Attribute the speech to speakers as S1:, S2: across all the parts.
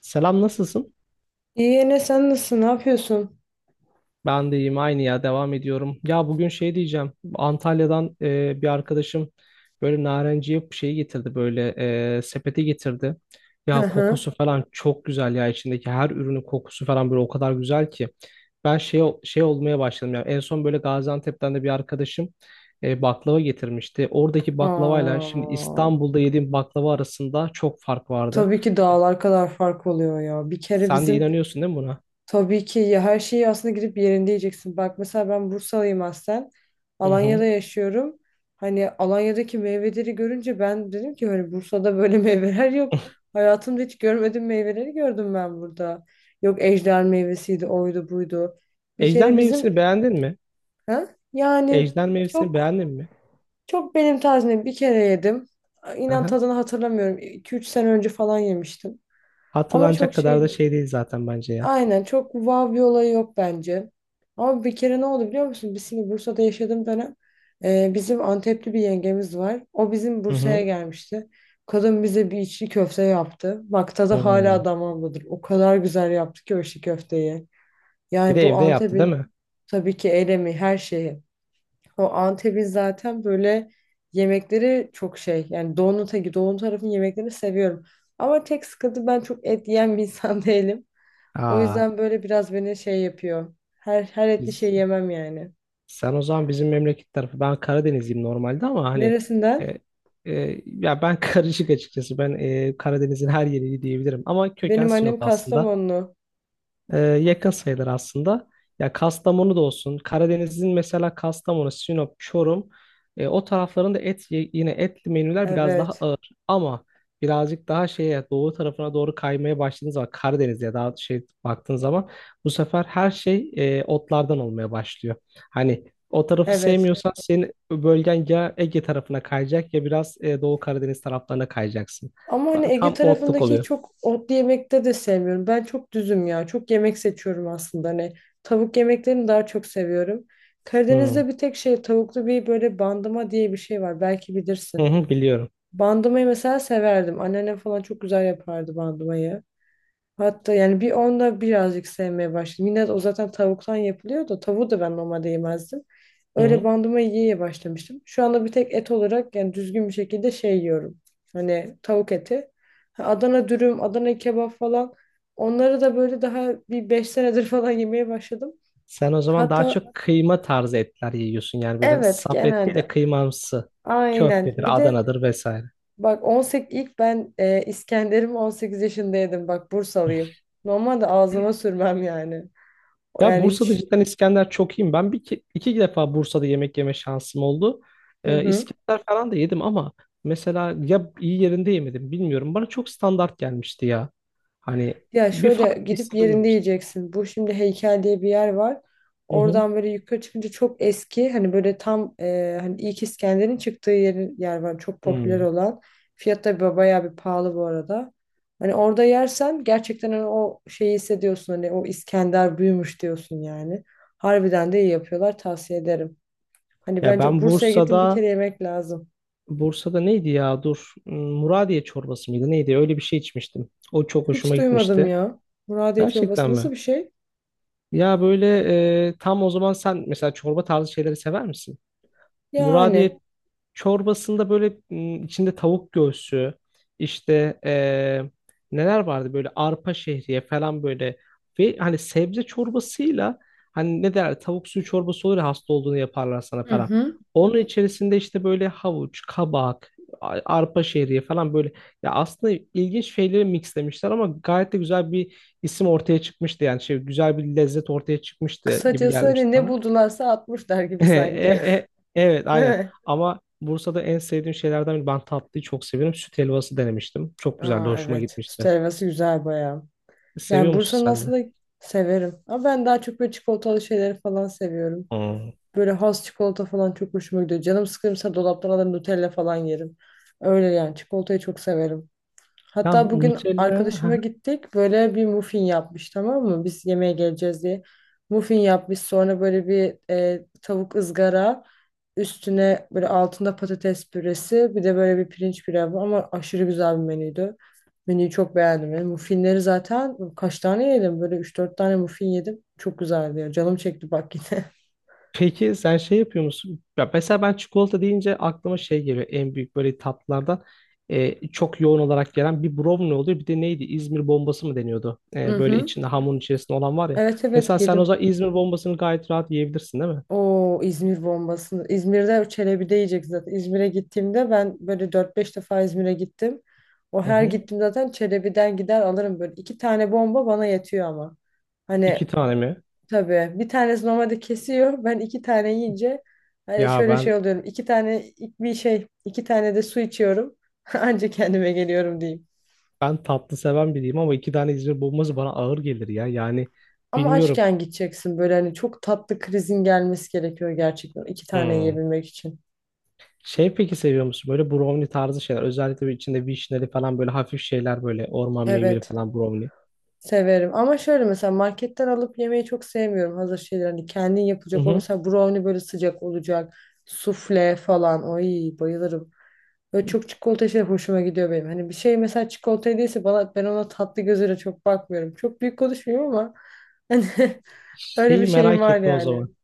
S1: Selam, nasılsın?
S2: İyi Ene, sen nasılsın? Ne yapıyorsun?
S1: Ben de iyiyim, aynı ya, devam ediyorum. Ya bugün şey diyeceğim. Antalya'dan bir arkadaşım böyle narenciye şeyi getirdi, böyle sepeti getirdi.
S2: Hı
S1: Ya
S2: hı.
S1: kokusu falan çok güzel ya, içindeki her ürünün kokusu falan böyle o kadar güzel ki. Ben şey olmaya başladım ya. En son böyle Gaziantep'ten de bir arkadaşım baklava getirmişti. Oradaki baklavayla şimdi
S2: Aa,
S1: İstanbul'da yediğim baklava arasında çok fark vardı.
S2: tabii ki dağlar kadar fark oluyor ya. Bir kere
S1: Sen de
S2: bizim
S1: inanıyorsun değil mi buna?
S2: tabii ki ya, her şeyi aslında gidip yerinde yiyeceksin. Bak mesela ben Bursalıyım aslen.
S1: Hı hı.
S2: Alanya'da yaşıyorum. Hani Alanya'daki meyveleri görünce ben dedim ki hani Bursa'da böyle meyveler yok. Hayatımda hiç görmediğim meyveleri gördüm ben burada. Yok ejder meyvesiydi, oydu, buydu. Bir
S1: Ejder
S2: kere bizim,
S1: meyvesini beğendin mi?
S2: ha? Yani
S1: Ejder Mevsim'i
S2: çok
S1: beğendin mi?
S2: Çok benim tarzımda bir kere yedim. İnan
S1: Aha.
S2: tadını hatırlamıyorum. 2-3 sene önce falan yemiştim. Ama çok
S1: Hatırlanacak kadar
S2: şey
S1: da
S2: değil.
S1: şey değil zaten, bence ya.
S2: Aynen, çok wow bir olayı yok bence. Ama bir kere ne oldu biliyor musun? Biz şimdi Bursa'da yaşadığım dönem bizim Antepli bir yengemiz var. O bizim
S1: Hı
S2: Bursa'ya
S1: hı.
S2: gelmişti. Kadın bize bir içli köfte yaptı. Bak tadı hala
S1: Hmm.
S2: damağımdadır. O kadar güzel yaptı ki o içli köfteyi.
S1: Bir
S2: Yani
S1: de
S2: bu
S1: evde yaptı değil
S2: Antep'in,
S1: mi?
S2: tabii ki elemi, her şeyi. O Antep'in zaten böyle yemekleri çok şey. Yani doğunun teki, doğu tarafın yemeklerini seviyorum. Ama tek sıkıntı, ben çok et yiyen bir insan değilim. O
S1: Aa,
S2: yüzden böyle biraz beni şey yapıyor. Her etli
S1: biz,
S2: şey yemem yani.
S1: sen o zaman bizim memleket tarafı. Ben Karadenizliyim normalde, ama hani
S2: Neresinden?
S1: e, ya ben karışık açıkçası. Ben Karadeniz'in her yerini diyebilirim. Ama köken
S2: Benim
S1: Sinop
S2: annem
S1: aslında.
S2: Kastamonlu.
S1: Yakın sayılır aslında. Ya Kastamonu da olsun. Karadeniz'in mesela Kastamonu, Sinop, Çorum o taraflarında yine etli menüler biraz daha
S2: Evet.
S1: ağır. Ama birazcık daha şeye, doğu tarafına doğru kaymaya başladığınız zaman, Karadeniz'e daha şey baktığın zaman bu sefer her şey otlardan olmaya başlıyor. Hani o tarafı
S2: Evet.
S1: sevmiyorsan senin bölgen ya Ege tarafına kayacak ya biraz Doğu Karadeniz taraflarına kayacaksın.
S2: Ama hani
S1: Ta-
S2: Ege
S1: tam otluk
S2: tarafındaki
S1: oluyor.
S2: çok otlu yemekte de sevmiyorum. Ben çok düzüm ya. Çok yemek seçiyorum aslında. Hani tavuk yemeklerini daha çok seviyorum.
S1: Hı.
S2: Karadeniz'de bir tek şey, tavuklu bir böyle bandıma diye bir şey var. Belki
S1: Hı
S2: bilirsin.
S1: hı, biliyorum.
S2: Bandımayı mesela severdim. Anneannem falan çok güzel yapardı bandımayı. Hatta yani bir onda birazcık sevmeye başladım. Yine de o zaten tavuktan yapılıyor da tavuğu da ben normalde yemezdim.
S1: Hı
S2: Öyle
S1: hı.
S2: bandıma yiye başlamıştım. Şu anda bir tek et olarak yani düzgün bir şekilde şey yiyorum. Hani tavuk eti. Ha, Adana dürüm, Adana kebap falan. Onları da böyle daha bir 5 senedir falan yemeye başladım.
S1: Sen o zaman daha
S2: Hatta
S1: çok kıyma tarzı etler yiyorsun. Yani böyle
S2: evet,
S1: saf et değil de
S2: genelde.
S1: kıymamsı.
S2: Aynen. Bir
S1: Köftedir,
S2: de
S1: Adana'dır, vesaire.
S2: bak, 18, ilk ben, İskender'imi 18 yaşındaydım. Bak Bursalıyım. Normalde ağzıma sürmem yani. O,
S1: Ya
S2: yani
S1: Bursa'da
S2: hiç.
S1: cidden İskender çok iyiyim. Ben bir iki, iki defa Bursa'da yemek yeme şansım oldu.
S2: Hı hı.
S1: İskender falan da yedim ama mesela ya iyi yerinde yemedim bilmiyorum. Bana çok standart gelmişti ya. Hani
S2: Ya
S1: bir
S2: şöyle
S1: fark
S2: gidip yerinde
S1: hissedememiştim.
S2: yiyeceksin. Bu şimdi heykel diye bir yer var.
S1: Hı hı.
S2: Oradan böyle yukarı çıkınca çok eski, hani böyle tam, hani ilk İskender'in çıktığı yer var. Çok popüler
S1: Hmm.
S2: olan. Fiyat da bayağı bir pahalı bu arada. Hani orada yersen gerçekten hani o şeyi hissediyorsun, hani o İskender büyümüş diyorsun yani. Harbiden de iyi yapıyorlar, tavsiye ederim. Hani
S1: Ya
S2: bence
S1: ben
S2: Bursa'ya gittim bir
S1: Bursa'da
S2: kere yemek lazım.
S1: Bursa'da neydi ya? Dur. Hmm, Muradiye çorbası mıydı? Neydi? Öyle bir şey içmiştim. O çok
S2: Hiç
S1: hoşuma
S2: duymadım
S1: gitmişti.
S2: ya. Muradiye çorbası
S1: Gerçekten
S2: nasıl
S1: mi?
S2: bir şey?
S1: Ya böyle tam o zaman sen mesela çorba tarzı şeyleri sever misin?
S2: Yani.
S1: Muradiye Çorbasında böyle içinde tavuk göğsü, işte neler vardı, böyle arpa şehriye falan, böyle ve hani sebze çorbasıyla, hani ne derler, tavuk suyu çorbası olur ya, hasta olduğunu yaparlar sana
S2: Hı
S1: falan.
S2: hı.
S1: Onun içerisinde işte böyle havuç, kabak, arpa şehriye falan, böyle ya, aslında ilginç şeyleri mixlemişler ama gayet de güzel bir isim ortaya çıkmıştı yani, şey, güzel bir lezzet ortaya çıkmıştı gibi
S2: Kısacası hani
S1: gelmişti
S2: ne
S1: bana.
S2: buldularsa atmışlar gibi
S1: E-
S2: sanki.
S1: e- e- evet,
S2: Değil
S1: aynen.
S2: mi?
S1: Ama Bursa'da en sevdiğim şeylerden biri. Ben tatlıyı çok seviyorum. Süt helvası denemiştim. Çok güzeldi.
S2: Aa,
S1: Hoşuma
S2: evet. Süt
S1: gitmişti.
S2: helvası güzel bayağı.
S1: Seviyor
S2: Yani
S1: musun
S2: Bursa'nın
S1: sen de?
S2: aslında severim. Ama ben daha çok böyle çikolatalı şeyleri falan seviyorum.
S1: Hmm.
S2: Böyle has çikolata falan çok hoşuma gidiyor. Canım sıkılırsa dolaptan alır Nutella falan yerim. Öyle yani, çikolatayı çok severim.
S1: Ya
S2: Hatta bugün
S1: Nutella.
S2: arkadaşıma gittik. Böyle bir muffin yapmış, tamam mı? Biz yemeğe geleceğiz diye. Muffin yapmış. Sonra böyle bir, tavuk ızgara. Üstüne böyle, altında patates püresi. Bir de böyle bir pirinç pilavı. Ama aşırı güzel bir menüydü. Menüyü çok beğendim. Yani muffinleri zaten kaç tane yedim? Böyle üç dört tane muffin yedim. Çok güzeldi ya. Canım çekti bak yine.
S1: Peki sen şey yapıyor musun? Ya mesela ben çikolata deyince aklıma şey geliyor. En büyük böyle tatlılardan çok yoğun olarak gelen bir brownie oluyor. Bir de neydi? İzmir bombası mı deniyordu?
S2: Hı
S1: Böyle
S2: hı.
S1: içinde, hamurun içerisinde olan var ya.
S2: Evet,
S1: Mesela
S2: evet,
S1: sen o
S2: yedim.
S1: zaman İzmir bombasını gayet rahat yiyebilirsin değil mi?
S2: O İzmir bombasını, İzmir'de Çelebi yiyecek zaten. İzmir'e gittiğimde ben böyle dört beş defa İzmir'e gittim. O
S1: Hı
S2: her
S1: hı.
S2: gittim zaten Çelebi'den gider alırım böyle. İki tane bomba bana yetiyor ama.
S1: İki
S2: Hani
S1: tane mi?
S2: tabii bir tanesi normalde kesiyor. Ben iki tane yiyince hani
S1: Ya
S2: şöyle şey
S1: ben
S2: oluyorum. İki tane bir şey, iki tane de su içiyorum. Anca kendime geliyorum diyeyim.
S1: Ben tatlı seven biriyim ama iki tane İzmir bombası bana ağır gelir ya. Yani
S2: Ama
S1: bilmiyorum.
S2: açken gideceksin, böyle hani çok tatlı krizin gelmesi gerekiyor gerçekten iki tane
S1: Hmm.
S2: yiyebilmek için.
S1: Şey, peki seviyor musun böyle brownie tarzı şeyler? Özellikle bir içinde vişneli falan, böyle hafif şeyler, böyle orman meyveli
S2: Evet.
S1: falan brownie.
S2: Severim ama şöyle, mesela marketten alıp yemeyi çok sevmiyorum hazır şeyler, hani kendin
S1: Hı
S2: yapacak. O
S1: hı.
S2: mesela brownie böyle sıcak olacak, sufle falan, oy bayılırım. Böyle çok çikolata şey hoşuma gidiyor benim. Hani bir şey mesela çikolata değilse bana, ben ona tatlı gözüyle çok bakmıyorum, çok büyük konuşmuyorum ama hani, öyle bir
S1: Şeyi
S2: şeyim
S1: merak
S2: var
S1: ettim o
S2: yani.
S1: zaman.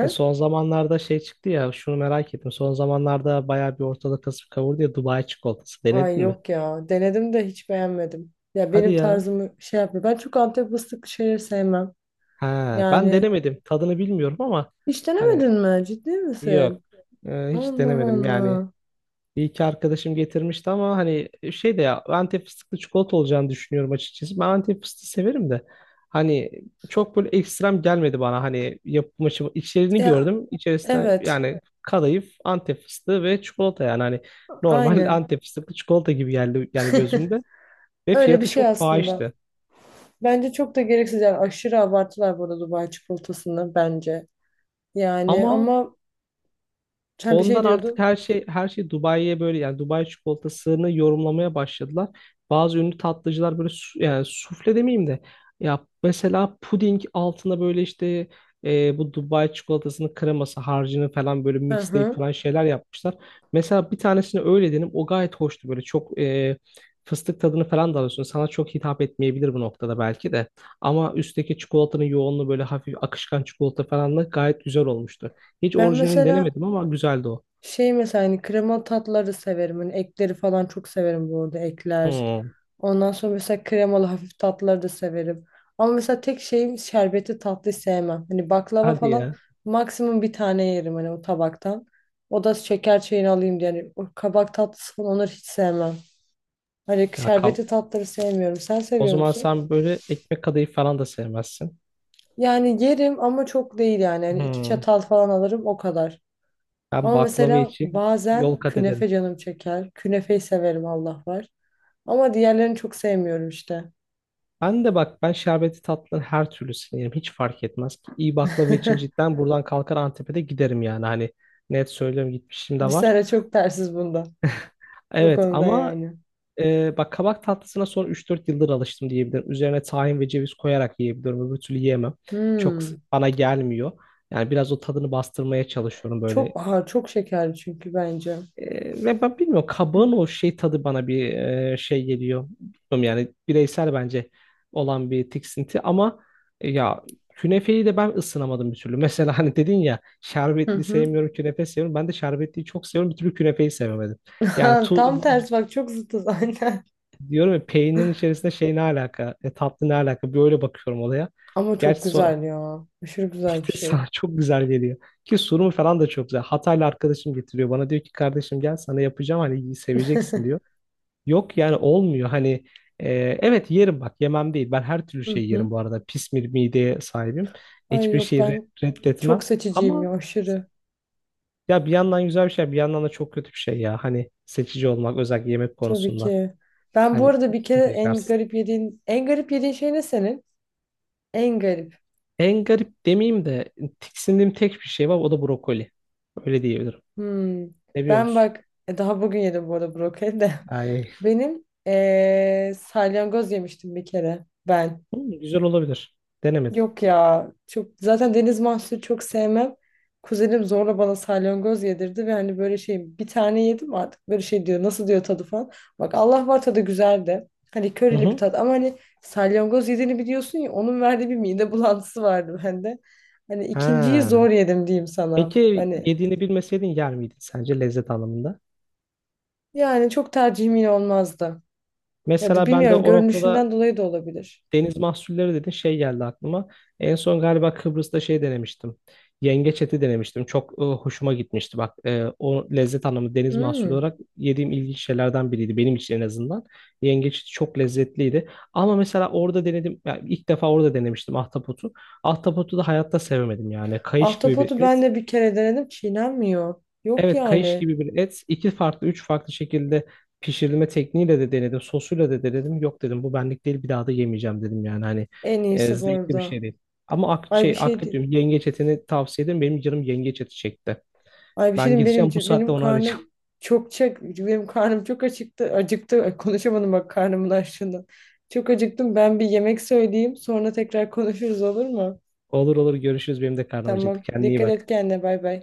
S1: Son zamanlarda şey çıktı ya, şunu merak ettim. Son zamanlarda bayağı bir ortalık kasıp kavurdu ya, Dubai çikolatası.
S2: Ay
S1: Denedin mi?
S2: yok ya, denedim de hiç beğenmedim ya,
S1: Hadi
S2: benim
S1: ya.
S2: tarzımı şey yapmıyor, ben çok Antep fıstıklı şeyleri sevmem
S1: Ha, ben
S2: yani.
S1: denemedim. Tadını bilmiyorum ama
S2: Hiç
S1: hani
S2: denemedin mi, ciddi
S1: yok.
S2: misin?
S1: Hiç
S2: Allah
S1: denemedim yani.
S2: Allah.
S1: Bir iki arkadaşım getirmişti ama hani şey de, ya, Antep fıstıklı çikolata olacağını düşünüyorum açıkçası. Ben Antep fıstığı severim de, hani, çok böyle ekstrem gelmedi bana. Hani yapım aşımı, içeriğini
S2: Ya
S1: gördüm. İçerisinde
S2: evet,
S1: yani kadayıf, Antep fıstığı ve çikolata, yani hani normal
S2: aynen.
S1: Antep fıstıklı çikolata gibi geldi yani gözümde, ve
S2: Öyle bir
S1: fiyatı
S2: şey
S1: çok
S2: aslında.
S1: fahişti.
S2: Bence çok da gereksiz, yani aşırı abartılar burada Dubai çikolatasını bence. Yani
S1: Ama
S2: ama sen bir şey
S1: Ondan artık
S2: diyordun.
S1: her şey Dubai'ye böyle, yani Dubai çikolatasını yorumlamaya başladılar. Bazı ünlü tatlıcılar böyle yani sufle demeyeyim de, ya mesela puding altına böyle işte bu Dubai çikolatasının kreması, harcını falan böyle
S2: Hı
S1: mixleyip
S2: hı.
S1: falan şeyler yapmışlar. Mesela bir tanesini öyle dedim, o gayet hoştu, böyle çok fıstık tadını falan da alıyorsun. Sana çok hitap etmeyebilir bu noktada belki de. Ama üstteki çikolatanın yoğunluğu, böyle hafif akışkan çikolata falanla, gayet güzel olmuştu. Hiç
S2: Ben
S1: orijinalini
S2: mesela,
S1: denemedim ama güzeldi o.
S2: şey mesela, hani kremalı tatları severim. Hani ekleri falan çok severim bu arada, ekler.
S1: Hmm.
S2: Ondan sonra mesela kremalı hafif tatları da severim. Ama mesela tek şeyim, şerbetli tatlı sevmem. Hani baklava
S1: Hadi
S2: falan
S1: ya.
S2: maksimum bir tane yerim hani o tabaktan. O da şeker çayını alayım diye. Yani o kabak tatlısı falan, onları hiç sevmem. Hani
S1: Ya kab-
S2: şerbetli tatları sevmiyorum. Sen
S1: O
S2: seviyor
S1: zaman
S2: musun?
S1: sen böyle ekmek kadayıf falan da sevmezsin.
S2: Yani yerim ama çok değil yani. Hani iki
S1: Hmm.
S2: çatal falan alırım o kadar.
S1: Ben
S2: Ama
S1: baklava
S2: mesela
S1: için yol
S2: bazen
S1: kat ederim.
S2: künefe canım çeker. Künefeyi severim Allah var. Ama diğerlerini çok sevmiyorum işte.
S1: Ben de bak, ben şerbetli tatlıları her türlüsünü yerim. Hiç fark etmez ki. İyi baklava için cidden buradan kalkar Antep'e de giderim yani. Hani net söylüyorum, gitmişim de
S2: Bir
S1: var.
S2: sene çok tersiz bunda. Bu
S1: Evet
S2: konuda
S1: ama
S2: yani.
S1: Bak, kabak tatlısına son 3-4 yıldır alıştım diyebilirim. Üzerine tahin ve ceviz koyarak yiyebiliyorum. Öbür türlü yiyemem. Çok
S2: Hmm.
S1: bana gelmiyor. Yani biraz o tadını bastırmaya çalışıyorum böyle.
S2: Çok, aha, çok şekerli çünkü bence.
S1: Ve ben bilmiyorum, kabağın o şey tadı bana bir şey geliyor. Bilmiyorum yani, bireysel bence olan bir tiksinti ama ya, künefeyi de ben ısınamadım bir türlü. Mesela hani dedin ya
S2: Hı
S1: şerbetli
S2: hı.
S1: sevmiyorum, künefe seviyorum. Ben de şerbetliyi çok seviyorum, bir türlü künefeyi sevemedim. Yani
S2: Tam tersi bak, çok zıtız aynen.
S1: diyorum ya, peynirin içerisinde şey, ne alaka? Tatlı ne alaka? Böyle bakıyorum olaya.
S2: Ama çok
S1: Gerçi son,
S2: güzel ya. Aşırı güzel bir
S1: sana
S2: şey.
S1: çok güzel geliyor. Ki sunumu falan da çok güzel. Hataylı arkadaşım getiriyor, bana diyor ki, kardeşim gel sana yapacağım, hani seveceksin diyor. Yok yani, olmuyor hani, e, evet yerim, bak, yemem değil. Ben her türlü
S2: Hı
S1: şey
S2: hı.
S1: yerim bu arada. Pis bir mideye sahibim.
S2: Ay
S1: Hiçbir
S2: yok,
S1: şeyi
S2: ben çok
S1: reddetmem.
S2: seçiciyim
S1: Ama
S2: ya, aşırı.
S1: ya, bir yandan güzel bir şey, bir yandan da çok kötü bir şey ya, hani seçici olmak özellikle yemek
S2: Tabii
S1: konusunda.
S2: ki. Ben bu
S1: Hani
S2: arada bir
S1: çok
S2: kere,
S1: sıkıntı yaşarsın.
S2: en garip yediğin şey ne senin? En garip.
S1: En garip demeyeyim de, tiksindiğim tek bir şey var, o da brokoli. Öyle diyebilirim.
S2: Hmm.
S1: Ne biliyor
S2: Ben
S1: musun?
S2: bak, daha bugün yedim bu arada brokoli de.
S1: Ay.
S2: Benim salyangoz yemiştim bir kere ben.
S1: Hı, güzel olabilir. Denemedim.
S2: Yok ya, çok zaten deniz mahsulü çok sevmem. Kuzenim zorla bana salyangoz yedirdi ve hani böyle şey, bir tane yedim artık, böyle şey diyor nasıl diyor tadı falan. Bak Allah var, tadı güzeldi. Hani
S1: Hı
S2: körili bir
S1: hı.
S2: tat ama hani, salyangoz yediğini biliyorsun ya, onun verdiği bir mide bulantısı vardı bende. Hani ikinciyi zor
S1: Ha.
S2: yedim diyeyim sana.
S1: Peki
S2: Hani
S1: yediğini bilmeseydin yer miydin sence, lezzet anlamında?
S2: yani çok tercihim olmazdı. Ya
S1: Mesela
S2: da
S1: ben de
S2: bilmiyorum,
S1: o noktada.
S2: görünüşünden dolayı da olabilir.
S1: Deniz mahsulleri dedin, şey geldi aklıma. En son galiba Kıbrıs'ta şey denemiştim. Yengeç eti denemiştim. Çok hoşuma gitmişti. Bak, o lezzet anlamı deniz mahsulü
S2: Hmm.
S1: olarak yediğim ilginç şeylerden biriydi. Benim için en azından. Yengeç eti çok lezzetliydi. Ama mesela orada denedim. Yani ilk defa orada denemiştim ahtapotu. Ahtapotu da hayatta sevemedim yani. Kayış gibi bir
S2: Ahtapotu ben
S1: et.
S2: de bir kere denedim, çiğnenmiyor. Yok
S1: Evet, kayış
S2: yani.
S1: gibi bir et. İki farklı, üç farklı şekilde pişirilme tekniğiyle de denedim. Sosuyla da denedim. Yok dedim, bu benlik değil, bir daha da yemeyeceğim dedim, yani hani
S2: En iyisi bu
S1: zevkli bir
S2: arada.
S1: şey değil. Ama ak
S2: Ay bir
S1: şey,
S2: şey
S1: akrep
S2: değil.
S1: diyorum, yengeç etini tavsiye ederim. Benim canım yengeç eti çekti.
S2: Ay bir şey
S1: Ben
S2: diyeyim,
S1: gideceğim bu saatte
S2: benim
S1: onu arayacağım.
S2: karnım çok çek, benim karnım çok acıktı. Acıktı. Ay, konuşamadım bak karnımın açlığından. Çok acıktım. Ben bir yemek söyleyeyim. Sonra tekrar konuşuruz, olur mu?
S1: Olur olur, görüşürüz, benim de karnım acıktı.
S2: Tamam.
S1: Kendine iyi
S2: Dikkat et
S1: bak.
S2: kendine. Bay bay.